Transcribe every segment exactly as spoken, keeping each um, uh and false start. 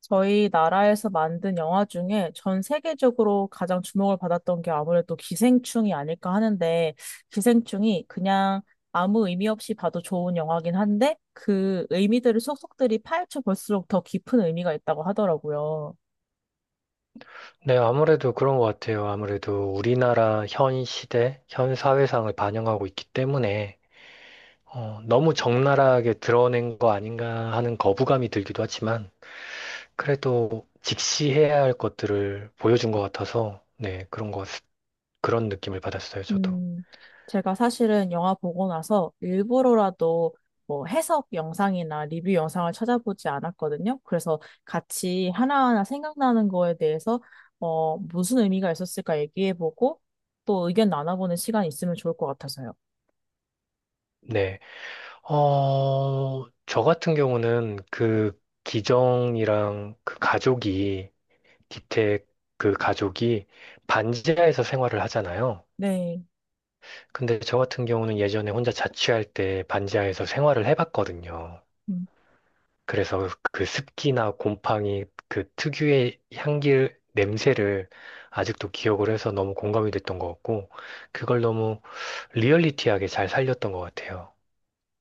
저희 나라에서 만든 영화 중에 전 세계적으로 가장 주목을 받았던 게 아무래도 기생충이 아닐까 하는데, 기생충이 그냥 아무 의미 없이 봐도 좋은 영화긴 한데, 그 의미들을 속속들이 파헤쳐 볼수록 더 깊은 의미가 있다고 하더라고요. 네, 아무래도 그런 것 같아요. 아무래도 우리나라 현 시대, 현 사회상을 반영하고 있기 때문에 어, 너무 적나라하게 드러낸 거 아닌가 하는 거부감이 들기도 하지만 그래도 직시해야 할 것들을 보여준 것 같아서 네, 그런 것, 그런 느낌을 받았어요, 저도. 음, 제가 사실은 영화 보고 나서 일부러라도 뭐 해석 영상이나 리뷰 영상을 찾아보지 않았거든요. 그래서 같이 하나하나 생각나는 거에 대해서 어, 무슨 의미가 있었을까 얘기해보고 또 의견 나눠보는 시간이 있으면 좋을 것 같아서요. 네. 어, 저 같은 경우는 그 기정이랑 그 가족이, 기택 그 가족이 반지하에서 생활을 하잖아요. 네. 근데 저 같은 경우는 예전에 혼자 자취할 때 반지하에서 생활을 해봤거든요. 그래서 그 습기나 곰팡이 그 특유의 향기 냄새를 아직도 기억을 해서 너무 공감이 됐던 것 같고, 그걸 너무 리얼리티하게 잘 살렸던 것 같아요.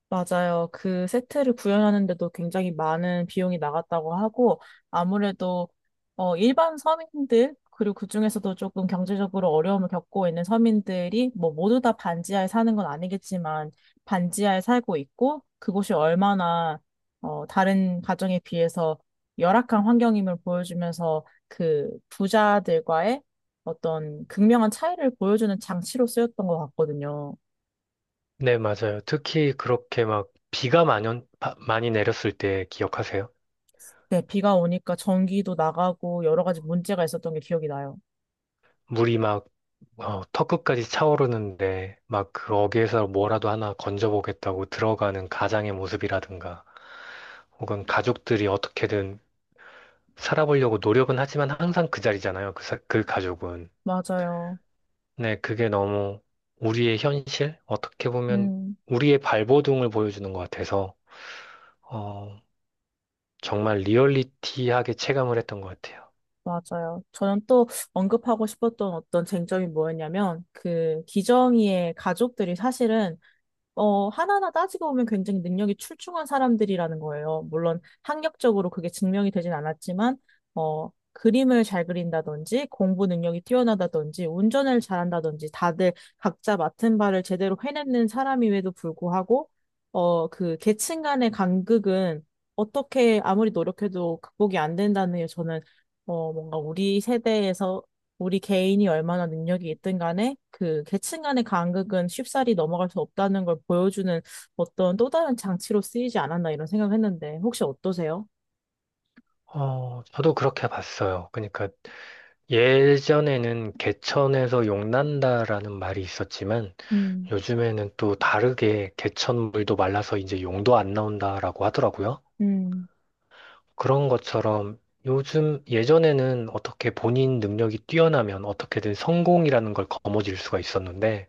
맞아요. 그 세트를 구현하는데도 굉장히 많은 비용이 나갔다고 하고, 아무래도, 어, 일반 서민들, 그리고 그중에서도 조금 경제적으로 어려움을 겪고 있는 서민들이, 뭐, 모두 다 반지하에 사는 건 아니겠지만, 반지하에 살고 있고, 그곳이 얼마나, 어, 다른 가정에 비해서 열악한 환경임을 보여주면서, 그 부자들과의 어떤 극명한 차이를 보여주는 장치로 쓰였던 것 같거든요. 네, 맞아요. 특히 그렇게 막 비가 많이, 온- 바- 많이 내렸을 때 기억하세요? 네, 비가 오니까 전기도 나가고 여러 가지 문제가 있었던 게 기억이 나요. 물이 막 어, 턱끝까지 차오르는데 막 그 어귀에서 뭐라도 하나 건져보겠다고 들어가는 가장의 모습이라든가. 혹은 가족들이 어떻게든 살아보려고 노력은 하지만 항상 그 자리잖아요. 그, 사- 그 가족은. 맞아요. 네, 그게 너무 우리의 현실? 어떻게 보면 음, 우리의 발버둥을 보여주는 것 같아서, 어, 정말 리얼리티하게 체감을 했던 것 같아요. 맞아요. 저는 또 언급하고 싶었던 어떤 쟁점이 뭐였냐면, 그 기정이의 가족들이 사실은 어, 하나하나 따지고 보면 굉장히 능력이 출중한 사람들이라는 거예요. 물론 학력적으로 그게 증명이 되진 않았지만, 어, 그림을 잘 그린다든지, 공부 능력이 뛰어나다든지, 운전을 잘한다든지, 다들 각자 맡은 바를 제대로 해내는 사람임에도 불구하고, 어, 그 계층 간의 간극은 어떻게 아무리 노력해도 극복이 안 된다는 게 저는, 어, 뭔가 우리 세대에서 우리 개인이 얼마나 능력이 있든 간에 그 계층 간의 간극은 쉽사리 넘어갈 수 없다는 걸 보여주는 어떤 또 다른 장치로 쓰이지 않았나 이런 생각을 했는데 혹시 어떠세요? 어, 저도 그렇게 봤어요. 그러니까 예전에는 개천에서 용난다라는 말이 있었지만 음, 요즘에는 또 다르게 개천물도 말라서 이제 용도 안 나온다라고 하더라고요. 음, 그런 것처럼 요즘 예전에는 어떻게 본인 능력이 뛰어나면 어떻게든 성공이라는 걸 거머쥘 수가 있었는데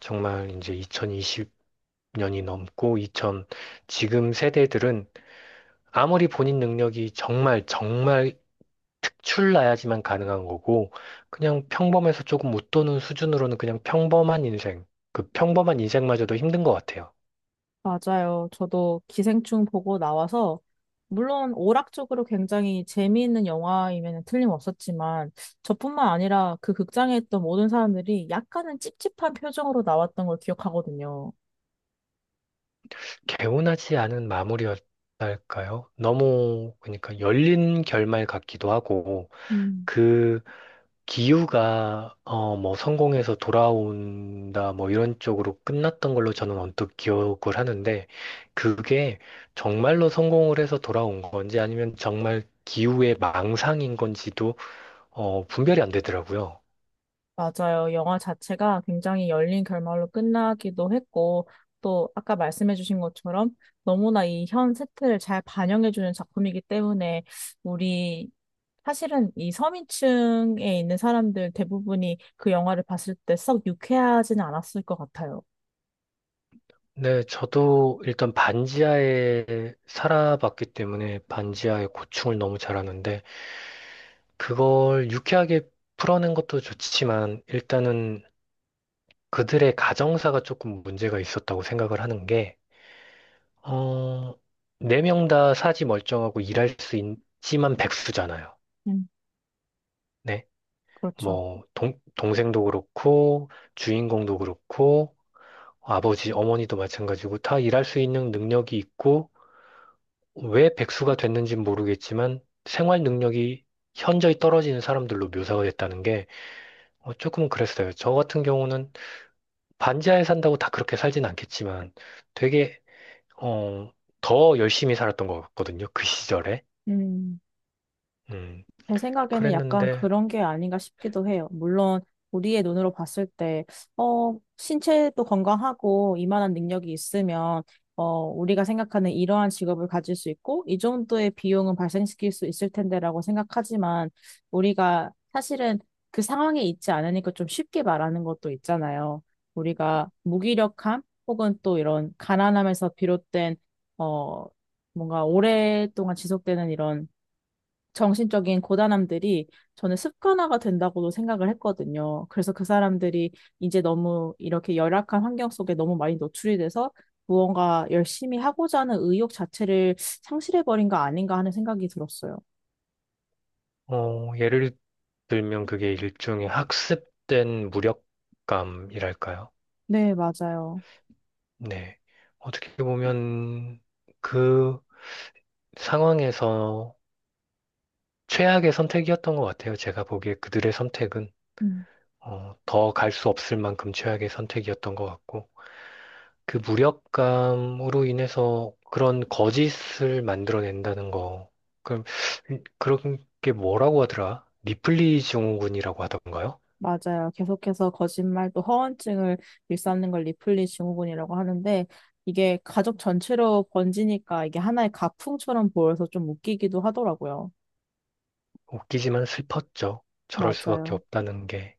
정말 이제 이천이십 년이 넘고 이천 지금 세대들은 아무리 본인 능력이 정말 정말 특출나야지만 가능한 거고 그냥 평범해서 조금 웃도는 수준으로는 그냥 평범한 인생 그 평범한 인생마저도 힘든 것 같아요. 맞아요. 저도 기생충 보고 나와서 물론 오락적으로 굉장히 재미있는 영화이면 틀림없었지만 저뿐만 아니라 그 극장에 있던 모든 사람들이 약간은 찝찝한 표정으로 나왔던 걸 기억하거든요. 개운하지 않은 마무리였. 할까요? 너무 그러니까 열린 결말 같기도 하고 음. 그 기우가 어 뭐 성공해서 돌아온다 뭐 이런 쪽으로 끝났던 걸로 저는 언뜻 기억을 하는데 그게 정말로 성공을 해서 돌아온 건지 아니면 정말 기우의 망상인 건지도 어 분별이 안 되더라고요. 맞아요. 영화 자체가 굉장히 열린 결말로 끝나기도 했고, 또 아까 말씀해주신 것처럼 너무나 이 현 세태를 잘 반영해주는 작품이기 때문에 우리 사실은 이 서민층에 있는 사람들 대부분이 그 영화를 봤을 때 썩 유쾌하지는 않았을 것 같아요. 네, 저도 일단 반지하에 살아봤기 때문에 반지하의 고충을 너무 잘 아는데 그걸 유쾌하게 풀어낸 것도 좋지만 일단은 그들의 가정사가 조금 문제가 있었다고 생각을 하는 게, 어, 네 명 다 사지 멀쩡하고 일할 수 있지만 백수잖아요. 음, 네. 그렇죠. 뭐, 동, 동생도 그렇고, 주인공도 그렇고, 아버지, 어머니도 마찬가지고, 다 일할 수 있는 능력이 있고, 왜 백수가 됐는지는 모르겠지만, 생활 능력이 현저히 떨어지는 사람들로 묘사가 됐다는 게, 어, 조금 그랬어요. 저 같은 경우는 반지하에 산다고 다 그렇게 살진 않겠지만, 되게 어, 더 열심히 살았던 것 같거든요. 그 시절에. 음. 음, 제 생각에는 약간 그랬는데, 그런 게 아닌가 싶기도 해요. 물론 우리의 눈으로 봤을 때, 어, 신체도 건강하고 이만한 능력이 있으면, 어, 우리가 생각하는 이러한 직업을 가질 수 있고, 이 정도의 비용은 발생시킬 수 있을 텐데라고 생각하지만, 우리가 사실은 그 상황에 있지 않으니까 좀 쉽게 말하는 것도 있잖아요. 우리가 무기력함 혹은 또 이런 가난함에서 비롯된, 어, 뭔가 오랫동안 지속되는 이런 정신적인 고단함들이 저는 습관화가 된다고도 생각을 했거든요. 그래서 그 사람들이 이제 너무 이렇게 열악한 환경 속에 너무 많이 노출이 돼서 무언가 열심히 하고자 하는 의욕 자체를 상실해버린 거 아닌가 하는 생각이 들었어요. 어, 예를 들면 그게 일종의 학습된 무력감이랄까요? 네, 맞아요. 네. 어떻게 보면 그 상황에서 최악의 선택이었던 것 같아요. 제가 보기에 그들의 선택은. 음, 어, 더갈 수 없을 만큼 최악의 선택이었던 것 같고. 그 무력감으로 인해서 그런 거짓을 만들어낸다는 거. 그럼 음, 그런 게 뭐라고 하더라? 리플리 증후군이라고 하던가요? 맞아요. 계속해서 거짓말 또 허언증을 일삼는 걸 리플리 증후군이라고 하는데 이게 가족 전체로 번지니까 이게 하나의 가풍처럼 보여서 좀 웃기기도 하더라고요. 웃기지만 슬펐죠. 저럴 수밖에 맞아요. 없다는 게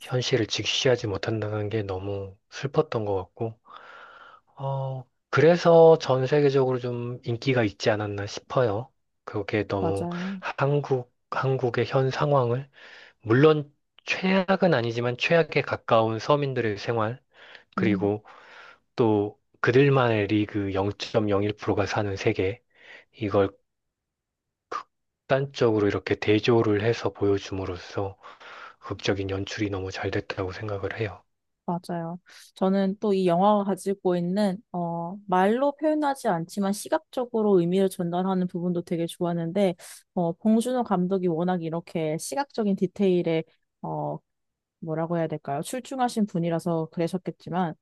현실을 직시하지 못한다는 게 너무 슬펐던 것 같고, 어, 그래서 전 세계적으로 좀 인기가 있지 않았나 싶어요. 그게 너무 맞아요. 한국, 한국의 현 상황을, 물론 최악은 아니지만 최악에 가까운 서민들의 생활, 음. 그리고 또 그들만의 리그 영 점 영일 퍼센트가 사는 세계, 이걸 극단적으로 이렇게 대조를 해서 보여줌으로써 극적인 연출이 너무 잘 됐다고 생각을 해요. 맞아요. 저는 또 이 영화가 가지고 있는, 어, 말로 표현하지 않지만 시각적으로 의미를 전달하는 부분도 되게 좋았는데, 어, 봉준호 감독이 워낙 이렇게 시각적인 디테일에, 어, 뭐라고 해야 될까요? 출중하신 분이라서 그러셨겠지만,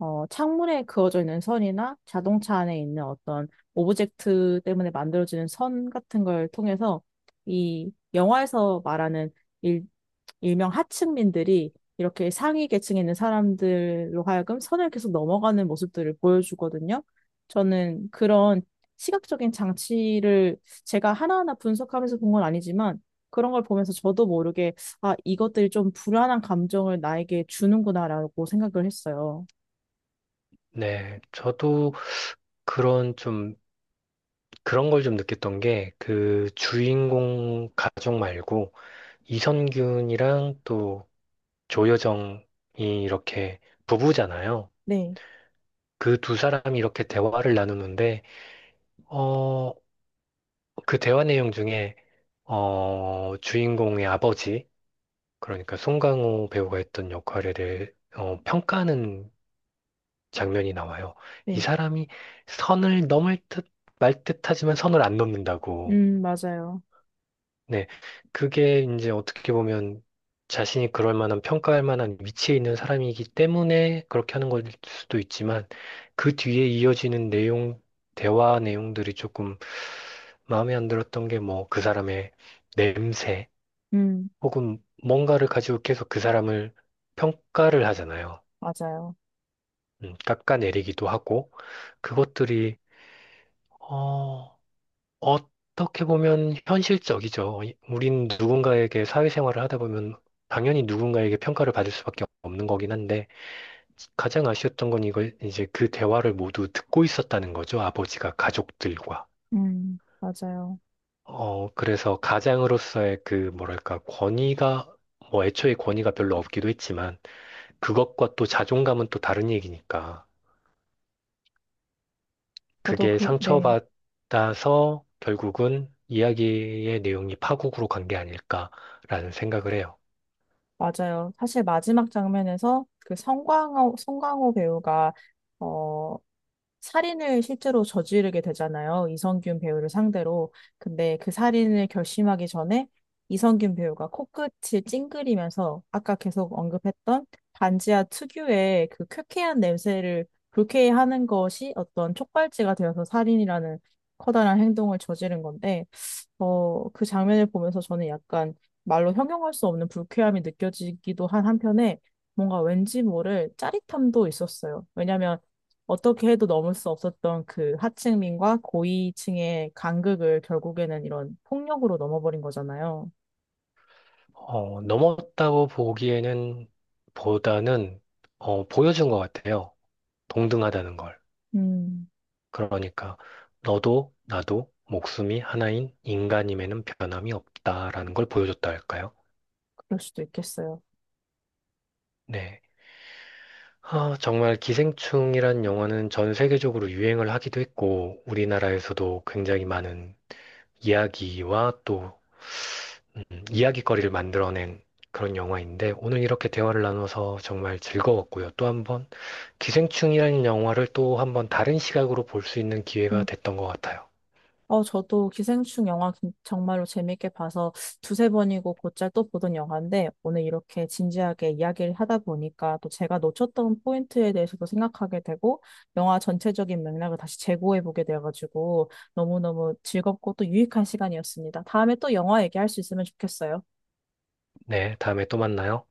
어, 창문에 그어져 있는 선이나 자동차 안에 있는 어떤 오브젝트 때문에 만들어지는 선 같은 걸 통해서 이 영화에서 말하는 일, 일명 하층민들이 이렇게 상위 계층에 있는 사람들로 하여금 선을 계속 넘어가는 모습들을 보여주거든요. 저는 그런 시각적인 장치를 제가 하나하나 분석하면서 본 건 아니지만 그런 걸 보면서 저도 모르게 아, 이것들이 좀 불안한 감정을 나에게 주는구나라고 생각을 했어요. 네, 저도 그런 좀, 그런 걸 좀 느꼈던 게 그 주인공 가족 말고 이선균이랑 또 조여정이 이렇게 부부잖아요. 네, 그 두 사람이 이렇게 대화를 나누는데, 어, 그 대화 내용 중에 어, 주인공의 아버지, 그러니까 송강호 배우가 했던 역할에 대해 어, 평가하는 장면이 나와요. 이 네. 사람이 선을 넘을 듯 말 듯하지만 선을 안 넘는다고. 음, 맞아요. 네, 그게 이제 어떻게 보면 자신이 그럴 만한 평가할 만한 위치에 있는 사람이기 때문에 그렇게 하는 걸 수도 있지만 그 뒤에 이어지는 내용, 대화 내용들이 조금 마음에 안 들었던 게 뭐 그 사람의 냄새, 음, 혹은 뭔가를 가지고 계속 그 사람을 평가를 하잖아요. 맞아요. 음, 깎아내리기도 하고, 그것들이, 어, 어떻게 보면 현실적이죠. 이- 우린 누군가에게 사회생활을 하다 보면 당연히 누군가에게 평가를 받을 수밖에 없는 거긴 한데, 가장 아쉬웠던 건 이걸 이제 그 대화를 모두 듣고 있었다는 거죠. 아버지가 가족들과. 음, 맞아요. 어, 그래서 가장으로서의 그, 뭐랄까, 권위가, 뭐 애초에 권위가 별로 없기도 했지만, 그것과 또 자존감은 또 다른 얘기니까. 저도 그게 그, 네, 상처받아서 결국은 이야기의 내용이 파국으로 간 게 아닐까라는 생각을 해요. 맞아요. 사실 마지막 장면에서 그 성광호, 성광호 배우가, 어, 살인을 실제로 저지르게 되잖아요. 이성균 배우를 상대로. 근데 그 살인을 결심하기 전에 이성균 배우가 코끝을 찡그리면서 아까 계속 언급했던 반지하 특유의 그 쾌쾌한 냄새를 불쾌해하는 것이 어떤 촉발제가 되어서 살인이라는 커다란 행동을 저지른 건데 어, 그 장면을 보면서 저는 약간 말로 형용할 수 없는 불쾌함이 느껴지기도 한 한편에 뭔가 왠지 모를 짜릿함도 있었어요. 왜냐하면 어떻게 해도 넘을 수 없었던 그 하층민과 고위층의 간극을 결국에는 이런 폭력으로 넘어버린 거잖아요. 어, 넘었다고 보기에는 보다는 어, 보여준 것 같아요. 동등하다는 걸. 음, 그러니까 너도 나도 목숨이 하나인 인간임에는 변함이 없다라는 걸 보여줬다 할까요? 그럴 수도 있겠어요. 네. 아, 정말 기생충이란 영화는 전 세계적으로 유행을 하기도 했고, 우리나라에서도 굉장히 많은 이야기와 또 음, 이야기거리를 만들어낸 그런 영화인데, 오늘 이렇게 대화를 나눠서 정말 즐거웠고요. 또 한 번, 기생충이라는 영화를 또 한 번 다른 시각으로 볼 수 있는 기회가 됐던 것 같아요. 어, 저도 기생충 영화 긴- 정말로 재밌게 봐서 두세 번이고 곧잘 또 보던 영화인데 오늘 이렇게 진지하게 이야기를 하다 보니까 또 제가 놓쳤던 포인트에 대해서도 생각하게 되고 영화 전체적인 맥락을 다시 재고해 보게 돼가지고 너무너무 즐겁고 또 유익한 시간이었습니다. 다음에 또 영화 얘기할 수 있으면 좋겠어요. 네, 다음에 또 만나요.